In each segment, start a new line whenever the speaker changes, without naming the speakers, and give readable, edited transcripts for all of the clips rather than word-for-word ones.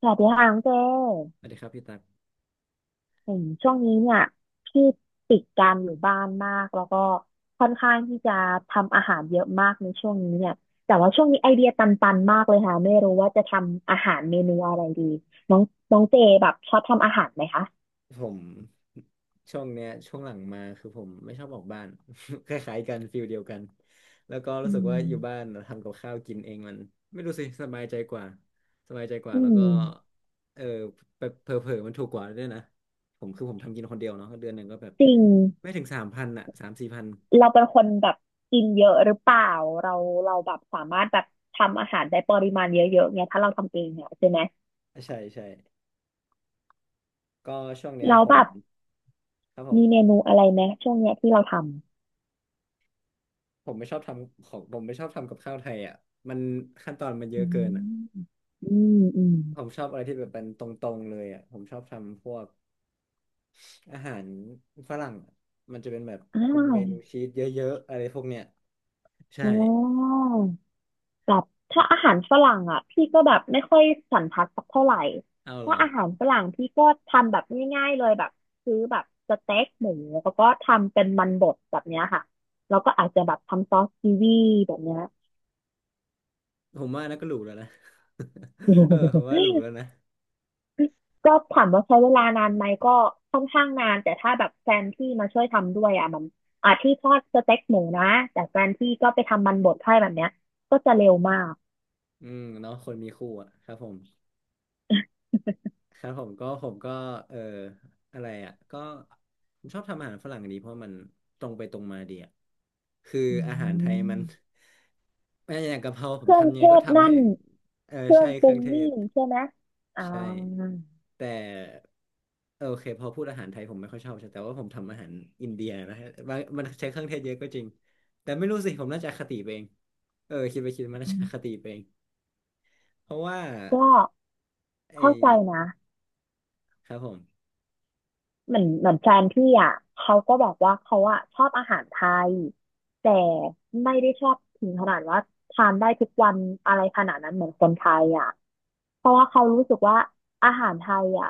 สวัสดีค่ะน้องเจ
สวัสดีครับพี่ตัก
เหช่วงนี้เนี่ยพี่ติดการอยู่บ้านมากแล้วก็ค่อนข้างที่จะทำอาหารเยอะมากในช่วงนี้เนี่ยแต่ว่าช่วงนี้ไอเดียตันๆมากเลยค่ะไม่รู้ว่าจะทำอาหารเมนูอะไรดีน้องน้องเจแบบชอบทำอาหารไหมคะ
ผมช่วงเนี้ยช่วงหลังมาคือผมไม่ชอบออกบ้าน คล้ายๆกันฟิลเดียวกันแล้วก็
อื
รู้สึกว่าอยู่บ้าน
ม
ทำกับข้าวกินเองมันไม่รู้สิสบายใจกว่าสบายใจกว่า
อื
แล้วก็
ม
เออเผลอๆมันถูกกว่าด้วยนะผมคือผมทำกินคนเดียวเนาะเดือนหนึ่งก็แบบ
จริง
ไม่ถึง3,000อะ3-4 พัน
เราเป็นคนแบบกินเยอะหรือเปล่าเราเราแบบสามารถแบบทำอาหารได้ปริมาณเยอะๆเนี่ยถ้าเราทำเองเนี่ยใช่ไหม
ใช่ใช่ก็ช่วงเนี้
เรา
ย
แล้ว
ผ
แบ
ม
บ
ครับผม
มีเมนูอะไรไหมช่วงเนี้ยที่เราทำ
ผมไม่ชอบทำของผมไม่ชอบทำกับข้าวไทยอ่ะมันขั้นตอนมันเย
อื
อะเกินอ่ะ
มอืมอืม
ผมชอบอะไรที่แบบเป็นตรงๆเลยอ่ะผมชอบทำพวกอาหารฝรั่งอะมันจะเป็นแบบ
อ่
พวกเมนู
า
ชีสเยอะๆอะไรพวกเนี้ยใช่
โอ้แบบถ้าอาหารฝรั่งอ่ะพี่ก็แบบไม่ค่อยสันทัดสักเท่าไหร่
เอาเหร
ถ้า
อ
อาหารฝรั่งพี่ก็ทำแบบง่ายๆเลยแบบซื้อแบบสเต็กหมูแล้วก็ทำเป็นมันบดแบบเนี้ยค่ะ แล้วก็อาจจะแบบทำซอสกีวีแบบเนี้ย
ผมว่านะก็หรูแล้วนะ เออผมว่าหรูแล้ว นะ
ก็ถามว่าใช้เวลานานไหมก็ค่อนข้างนานแต่ถ้าแบบแฟนพี่มาช่วยทำด้วยอ่ะมันอ่ะที่ทอดสเต็กหมูนะแต่แฟนพี่ก็ไปทำมันบดให้แบบเนี้ยก็จะเร็วมาก
อืมเนาะคนมีคู่อ่ะครับผม ครับผมก็เอออะไรอ่ะก็ผมชอบทำอาหารฝรั่งดีเพราะมันตรงไปตรงมาดีอ่ะคือ
อื
อาหารไทยมัน
ม
ไม่อย่างกะเพราผ
เค
ม
รื่อง
ทำยัง
เท
ไงก็
ศ
ทำ
นั่
ให้
น
เออ
เครื่อ
ใช่
งป
เค
รุ
รื่อ
ง
งเท
นี่
ศ
ใช่ไหมอ่
ใช่
า
แต่เออโอเคพอพูดอาหารไทยผมไม่ค่อยชอบใช่แต่ว่าผมทำอาหารอินเดียนะฮะบางมันใช้เครื่องเทศเยอะก็จริงแต่ไม่รู้สิผมน่าจะอคติไปเองเออคิดไปคิดมาน่าจะอคติไปเองเพราะว่า
ก็
ไอ
เข้าใจนะ
ครับผม
เหมือนแฟนพี่อ่ะเขาก็บอกว่าเขาอ่ะชอบอาหารไทยแต่ไม่ได้ชอบถึงขนาดว่าทานได้ทุกวันอะไรขนาดนั้นเหมือนคนไทยอ่ะเพราะว่าเขารู้สึกว่าอาหารไทยอ่ะ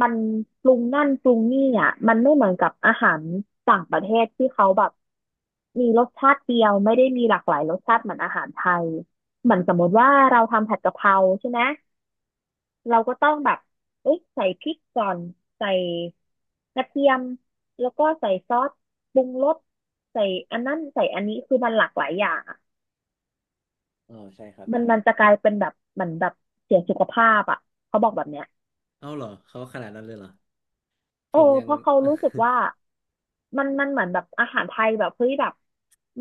มันปรุงนั่นปรุงนี่อ่ะมันไม่เหมือนกับอาหารต่างประเทศที่เขาแบบมีรสชาติเดียวไม่ได้มีหลากหลายรสชาติเหมือนอาหารไทยเหมือนสมมติว่าเราทำผัดกะเพราใช่ไหม เราก็ต้องแบบเอะใส่พริกก่อนใส่กระเทียมแล้วก็ใส่ซอสปรุงรสใส่อันนั้นใส่อันนี้คือมันหลากหลายอย่างอะ
อ๋อใช่ครับ
มัน
ใช่
มันจะกลายเป็นแบบเหมือนแบบเสียสุขภาพอ่ะเขาบอกแบบเนี้ย
เอาเหรอเขาขนาดนั้นเลยเหรอผ
โอ้
มยัง
เพราะเขารู้สึก ว่ามันเหมือนแบบอาหารไทยแบบเฮ้ยแบบ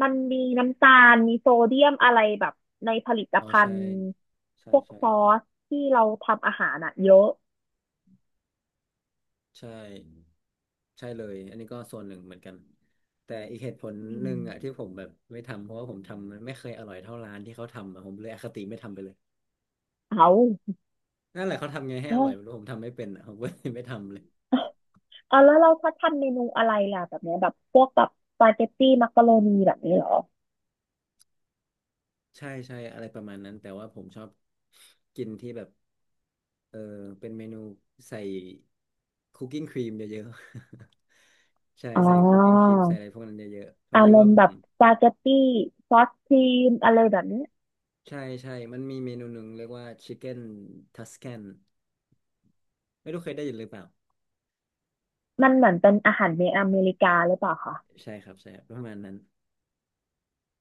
มันมีน้ำตาลมีโซเดียมอะไรแบบในผลิต
อ๋อ
ภั
ใช่
ณฑ์
ใช่
พวก
ใช่
ซอสที่เราทำอาหารอ่ะเยอะ
ใช่ใช่เลยอันนี้ก็ส่วนหนึ่งเหมือนกันแต่อีกเหตุผล
อื
หนึ่
ม
งอ่ะที่ผมแบบไม่ทำเพราะว่าผมทำมันไม่เคยอร่อยเท่าร้านที่เขาทำอะผมเลยอคติไม่ทำไปเลย
เอา
นั่นแหละเขาทำไงให้อร่อยไม่รู้ผมทำไม่เป็นอะผมก็เลยไม่ทำเลย
อ๋อแล้วเราเขาทำเมนูอะไรล่ะแบบเนี้ยแบบพวกแบบสปาเกตตี้มักกะโรนีแบบนี้เหรอ
ใช่ใช่อะไรประมาณนั้นแต่ว่าผมชอบกินที่แบบเออเป็นเมนูใส่คุกกิ้งครีมเยอะๆ ใช่
อ๋อ
ใส่คุกกิ้งครีมใส่อะไรพวกนั้นเยอะๆพอ
อา
ดี
ร
ว่า
มณ์
ผ
แบ
ม
บสปาเกตตี้ซอสครีมอะไรแบบนี้
ใช่ใช่มันมีเมนูหนึ่งเรียกว่าชิคเก้นทัส a คนไม่รู้เคยได้ยินหรือเปล่า
มันเหมือนเป็นอาหารในอเมริกาหรือเปล่าคะ
ใช่ครับใช่ครับประมาณนั้น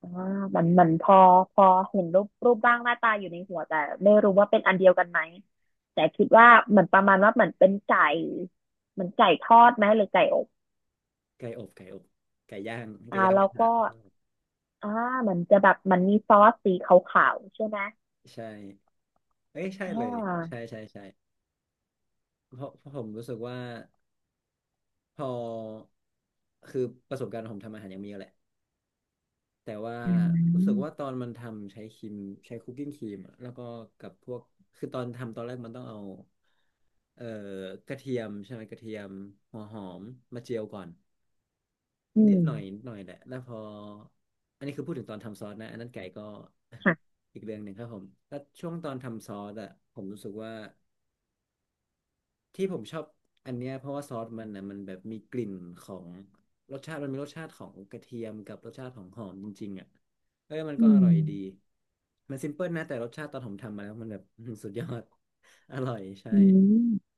อ่ามันมันพอเห็นรูปรูปร่างหน้าตาอยู่ในหัวแต่ไม่รู้ว่าเป็นอันเดียวกันไหมแต่คิดว่าเหมือนประมาณว่าเหมือนเป็นไก่เหมือนไก่ทอดไหมหรือไก่อบ
ไก่อบไก่อบไก่ย่างไก่
อ่า
ย่างก
แล้ว
ระ
ก็
ทะ
อ่ามันจะแบบมันมีซอสสีขาวๆใช่ไหม
ใช่เอ้ยใช่
อ่
เลยใช่
า
ใช่ใช่เพราะผมรู้สึกว่า พอคือประสบการณ์ผมทำอาหารยังมีเยอะแหละแต่ว่า
อื
รู้สึกว่าต
ม
อนมันทำใช้ครีมใช้คุกกิ้งครีมอะแล้วก็กับพวกคือตอนทำตอนแรกมันต้องเอาเอ่อกระเทียมใช่ไหมกระเทียมหัวหอมมาเจียวก่อน
อื
นิ
ม
ดหน่อยนิดหน่อยแหละแล้วพออันนี้คือพูดถึงตอนทำซอสนะอันนั้นไก่ก็
ค่ะ
อีกเรื่องหนึ่งครับผมแล้วช่วงตอนทำซอสอะผมรู้สึกว่า ที่ผมชอบอันเนี้ยเพราะว่าซอสมันนะมันแบบมีกลิ่นของรสชาติมันมีรสชาติของกระเทียมกับรสชาติของหอมจริงๆอ่ะเออมันก็
อื
อร่อยดี
ม
มันซิมเพิลนะแต่รสชาติตอนผมทำมาแล้วมันแบบอื้อหือสุดยอด อร่อยใช่
อืม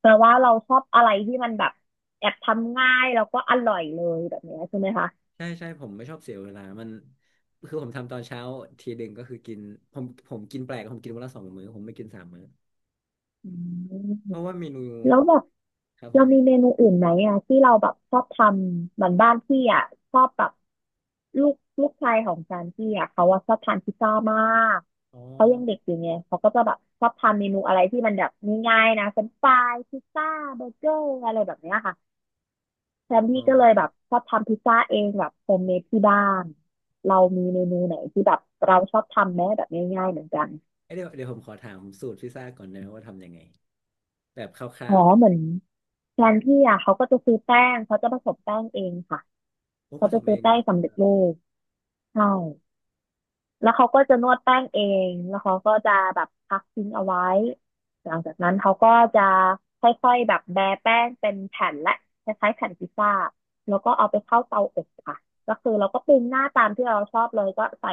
แปลว่าเราชอบอะไรที่มันแบบแอบทำง่ายแล้วก็อร่อยเลยแบบเนี้ยใช่ไหมคะ
ใช่ใช่ผมไม่ชอบเสียเวลามันคือผมทำตอนเช้าทีหนึ่งก็คือกินผมกินแปลกผมกินวันละ2 มื้อผมไม่กิน3 มื้อ
อืม
เพราะว่าเมนู
แล้วแบบ
ครับผ
เรา
ม
มีเมนูอื่นไหมอ่ะที่เราแบบชอบทำเหมือนบ้านพี่อ่ะชอบแบบลูกลูกชายของจานพี่อ่ะเขาว่าชอบทานพิซซ่ามาก
อ๋อ
เขายังเด็กอยู่ไงเขาก็จะแบบชอบทำเมนูอะไรที่มันแบบง่ายๆนะเฟรนช์ฟรายพิซซ่าเบอร์เกอร์อะไรแบบเนี้ยค่ะ แซม
อ๋
พี่
อ
ก็เลยแบบชอบทำพิซซ่าเองแบบโฮมเมดที่บ้าน เรามีเมนูไหนที่แบบเราชอบทำไหมแบบง่ายๆเหมือนกัน
เอ้ยเดี๋ยวเดี๋ยวผมขอถามสูตรพิซซ่าก่อนนะว่าทำยังไงแบบคร่า
อ๋อ
ว
เหมือนแฟนพี่อ่ะเขาก็จะซื้อแป้งเขาจะผสมแป้งเองค่ะ
ๆโอ้ผ
เขา
ส
จะ
ม
ซื้
เอ
อ
ง
แป้
เนี่
ง
ย
สำเร็จรูปใช่ แล้วเขาก็จะนวดแป้งเอง แล้วเขาก็จะแบบพักทิ้งเอาไว้ หลังจากนั้นเขาก็จะค่อยๆแบบแบะแป้งเป็นแผ่นและคล้ายๆแผ่นพิซซ่าแล้วก็เอาไปเข้าเตาอบค่ะก็คือเราก็ปรุงหน้าตามที่เราชอบเลยก็ใส่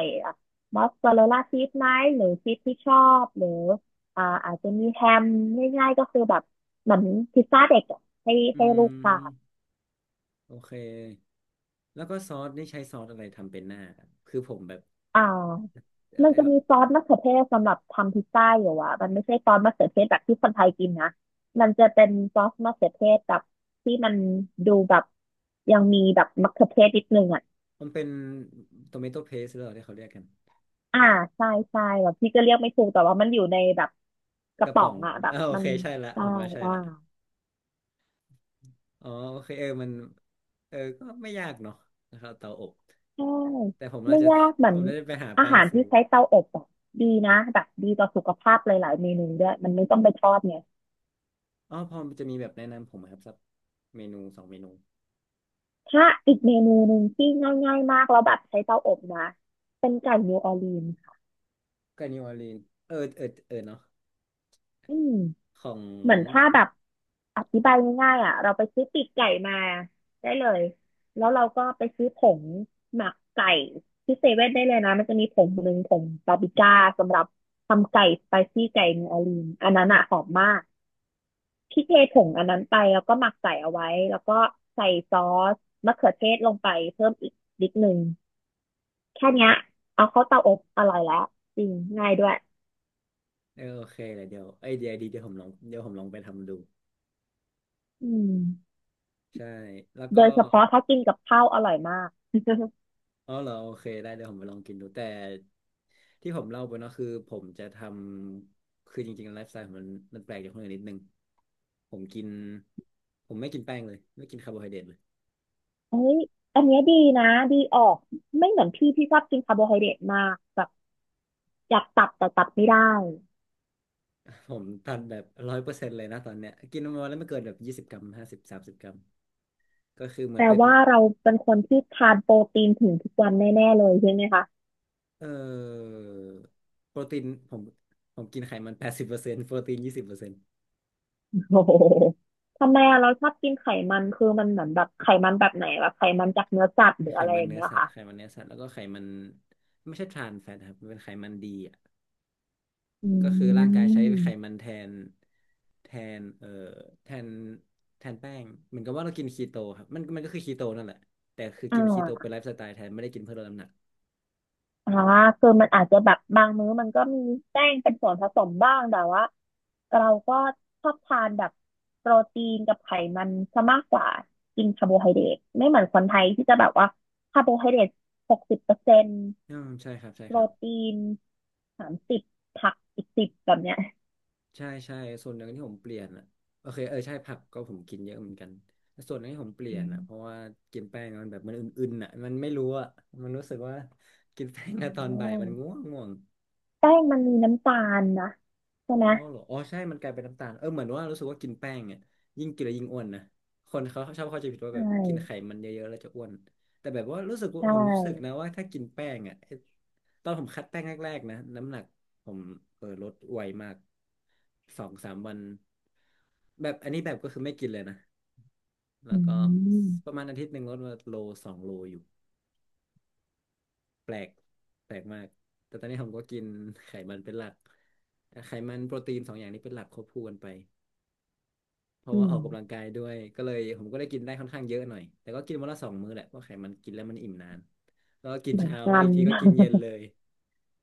มอสซาเรลล่าชีสไหมหรือชีสที่ชอบหรืออ่าอาจจะมีแฮมง่ายๆก็คือแบบเหมือนพิซซ่าเด็กอะให้
อื
ให้ลูกทา
ม
น
โอเคแล้วก็ซอสนี่ใช้ซอสอะไรทำเป็นหน้าครับคือผมแบบ
อ่ามัน
เอ
จะ
อ
มีซอสมะเขือเทศสำหรับทำพิซซ่าอยู่อ่ะมันไม่ใช่ซอสมะเขือเทศแบบที่คนไทยกินนะมันจะเป็นซอสมะเขือเทศแบบที่มันดูแบบยังมีแบบมะเขือเทศนิดนึงอ่ะ
มันเป็นโ o เมโต p เพสหรือเปล่าที่เขาเรียกกัน
อ่าใช่ใช่แบบพี่ก็เรียกไม่ถูกแต่ว่ามันอยู่ในแบบก
ก
ระ
ระ
ป๋อ
ป๋อ
ง
ง
อ่ะแบบ
อ่าโอ
มัน
เคใช่ละ
ใช่
ผมว่าใช่
อ่า
ละอ๋อโอเคเออมันเออก็ไม่ยากเนาะนะครับเตาอบ
ใช่
แต่ผมน่า
ไม่
จะ
ยากเหมื อ
ผ
น
มน่าจะไปหา
อา
แป้ง
หาร
ซื้
ที่
อ
ใช้เตาอบอ่ะดีนะแบบดีต่อสุขภาพหลายๆเมนูด้วยมันไม่ต้องไปทอดไง
อ๋อพอจะมีแบบแนะนำผมไหมครับสักเมนูสองเมนู
ถ้าอีกเมนูหนึ่งที่ง่ายๆมากแล้วแบบใช้เตาอบนะเป็นไก่นิวออร์ลีนส์ค่ะ
กับนิวออร์ลีนเออเออเออเนาะ
อืม
ของ
เหมือนถ้าแบบอธิบายง่ายๆอ่ะเราไปซื้อปีกไก่มาได้เลยแล้วเราก็ไปซื้อผงหมักไก่ที่เซเว่นได้เลยนะมันจะมีผงหนึ่งผงปาปริก้าสำหรับทำไก่สไปซี่ไก่นิวออร์ลีนส์อันนั้นอ่ะหอมมากพี่เทผงอันนั้นไปแล้วก็หมักใส่เอาไว้แล้วก็ใส่ซอสมะเขือเทศลงไปเพิ่มอีกนิดนึง แค่เนี้ยเอาเข้าเตาอบอร่อยแล้วจริงง่ายด้วย
เออโอเคเลยเดี๋ยวไอเดียดีเดี๋ยวผมลองเดี๋ยวผมลองไปทำดู
อืม
ใช่แล้ว
โด
ก็
ยเฉพาะถ้ากินกับข้าวอร่อยมาก
อ๋อเหรอโอเคได้เดี๋ยวผมไปลองกินดูแต่ที่ผมเล่าไปเนาะคือผมจะทำคือจริงๆไลฟ์สไตล์ผมมันมันแปลกจากคนอื่นนิดนึงผมกินผมไม่กินแป้งเลยไม่กินคาร์โบไฮเดรตเลย
เฮ้ยอันเนี้ยดีนะดีออกไม่เหมือนพี่พี่ชอบกินคาร์โบไฮเดรตมากแบบอยากตับแต่ตับไม่ได้
ผมตันแบบ100%เลยนะตอนเนี้ยกินประมาณแล้วไม่เกินแบบ20 กรัม5030 กรัมก็คือเหมื
แป
อน
ล
เป็น
ว่าเราเป็นคนที่ทานโปรตีนถึงทุกวันแน่ๆเลยใช่ไหมคะ
เอ่อโปรตีนผมกินไขมัน80%โปรตีน20%
โอ้โห ทำไมอะเราชอบกินไขมันคือมันเหมือนแบบไขมันแบบไหนแบบไขมันจากเนื้อสัตว์หรือ
ไข
อะไร
มั
อ
น
ย่าง
เนื้อ
เงี้ยเหรอ
สัตว์
ค่ะ
ไขมันเนื้อสัตว์แล้วก็ไขมันไม่ใช่ทรานแฟตครับมันเป็นไขมันดีอ่ะ
อื
ก็คือร่างกายใช้ไข
ม
มันแทนแทนเอ่อแทนแทนแป้งเหมือนกับว่าเรากินคีโตครับมันก็คือคีโตนั่นแหละแต่คือ
อ่
กินคีโตเป็น
า
ไลฟ์สไตล์แทนไม่ได้กินเพื่อลดน้ำหนัก
อ่าคือมันอาจจะแบบบางมื้อมันก็มีแป้งเป็นส่วนผสมบ้างแต่ว่าเราก็ชอบทานแบบโปรตีนกับไขมันซะมากกว่ากินคาร์โบไฮเดรตไม่เหมือนคนไทยที่จะแบบว่าคาร์โบไฮเดรต60%
อืมใช่ครับใช่
โป
ค
ร
รับ
ตีน30ผักอีกสิบแบบเนี้ย
ใช่ใช่ส่วนหนึ่งที่ผมเปลี่ยนอ่ะโอเคเออใช่ผักก็ผมกินเยอะเหมือนกันแต่ส่วนหนึ่งที่ผมเปลี่
อื
ยนอ่ะเพราะ
ม
ว่ากินแป้งมันแบบมันอึนๆอ่ะมันไม่รู้อ่ะมันรู้สึกว่ากินแป้ง
อ
อะตอ
ื
นบ่ายมันง่ว
ม
งง่วง
แป้งมันมีน้ำตาลนะใช่ไหม
อ๋อเหรออ๋อใช่ มันกลายเป็นน้ำตาลเออเหมือนว่ารู้สึกว่ากินแป้งเนี่ยยิ่งกินแล้วยิ่งอ้วนนะคนเขาชอบเข้าใจผิดว่า
ใช
แบบกินไข
่
มันเยอะๆแล้วจะอ้วน แต่แบบว่ารู้สึกว่า
ใช
ผมรู้สึก
่
นะว่าถ้ากินแป้งอ่ะไอ้ตอนผมคัดแป้งแรกๆนะน้ำหนักผมเออลดไวมากสองสามวัน แบบอันนี้แบบก็คือไม่กินเลยนะ
อื
แล้วก็
ม
ประมาณอาทิตย์หนึ่งลดมาโลสองโลอยู่ แปลกแปลกมากแต่ตอนนี้ผมก็กินไขมันเป็นหลักไขมันโปรตีนสองอย่างนี้เป็นหลักควบคู่กันไป เพราะ
อื
ว่าอ
ม
อกกำลังกายด้วยก็เลยผมก็ได้กินได้ค่อนข้างเยอะหน่อยแต่ก็กินวันละสองมื้อแหละเพราะไขมันกินแล้วมันอิ่มนานแล้วก็กิน
เหมือน
เช้าแล้ว
กั
อี
น
กทีก็กินเย็นเลย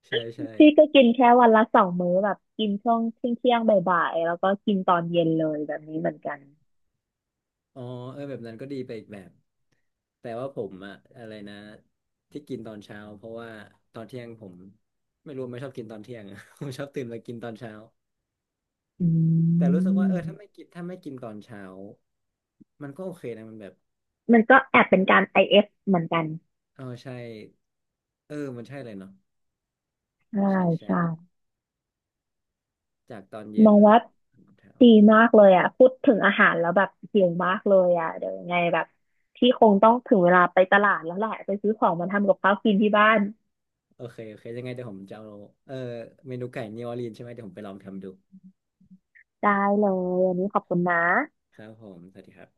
ใช่ใช่
พี่ก็กินแค่วันละ2 มื้อแบบกินช่วงเที่ยงเที่ยงบ่ายๆแล้วก็กินตอนเย็นเลยแบบนี้เหมือนกัน
อ๋อเออแบบนั้นก็ดีไปอีกแบบแต่ว่าผมอะอะไรนะที่กินตอนเช้าเพราะว่าตอนเที่ยงผมไม่รู้ไม่ชอบกินตอนเที่ยงอะ ผมชอบตื่นมากินตอนเช้า
อื
แต่รู้สึกว่าเออถ้าไม่
ม
กินตอนเช้ามันก็โอเคนะมันแบบ
มันก็แอบเป็นการ IF เอฟเหมือนกัน
เออใช่เออมันใช่เลยเนาะ
ใช่
ใช่ใช่
ใช่
จากตอนเย็
ม
น
องว่า
ตอนเช้า
ดีมากเลยอ่ะพูดถึงอาหารแล้วแบบหิวมากเลยอ่ะเดี๋ยวยังไงแบบพี่คงต้องถึงเวลาไปตลาดแล้วแหละไปซื้อของมาทำกับข้าวกินที่บ้าน
โอเค โอเค ยังไงเดี๋ยวผมจะเอาเออเมนูไก่นิวออร์ลีนใช่ไหมเดี๋ยวผมไปลองทำดู
ได้เลยวันนี้ขอบคุณนะ
ครับผม สวัสดีครับ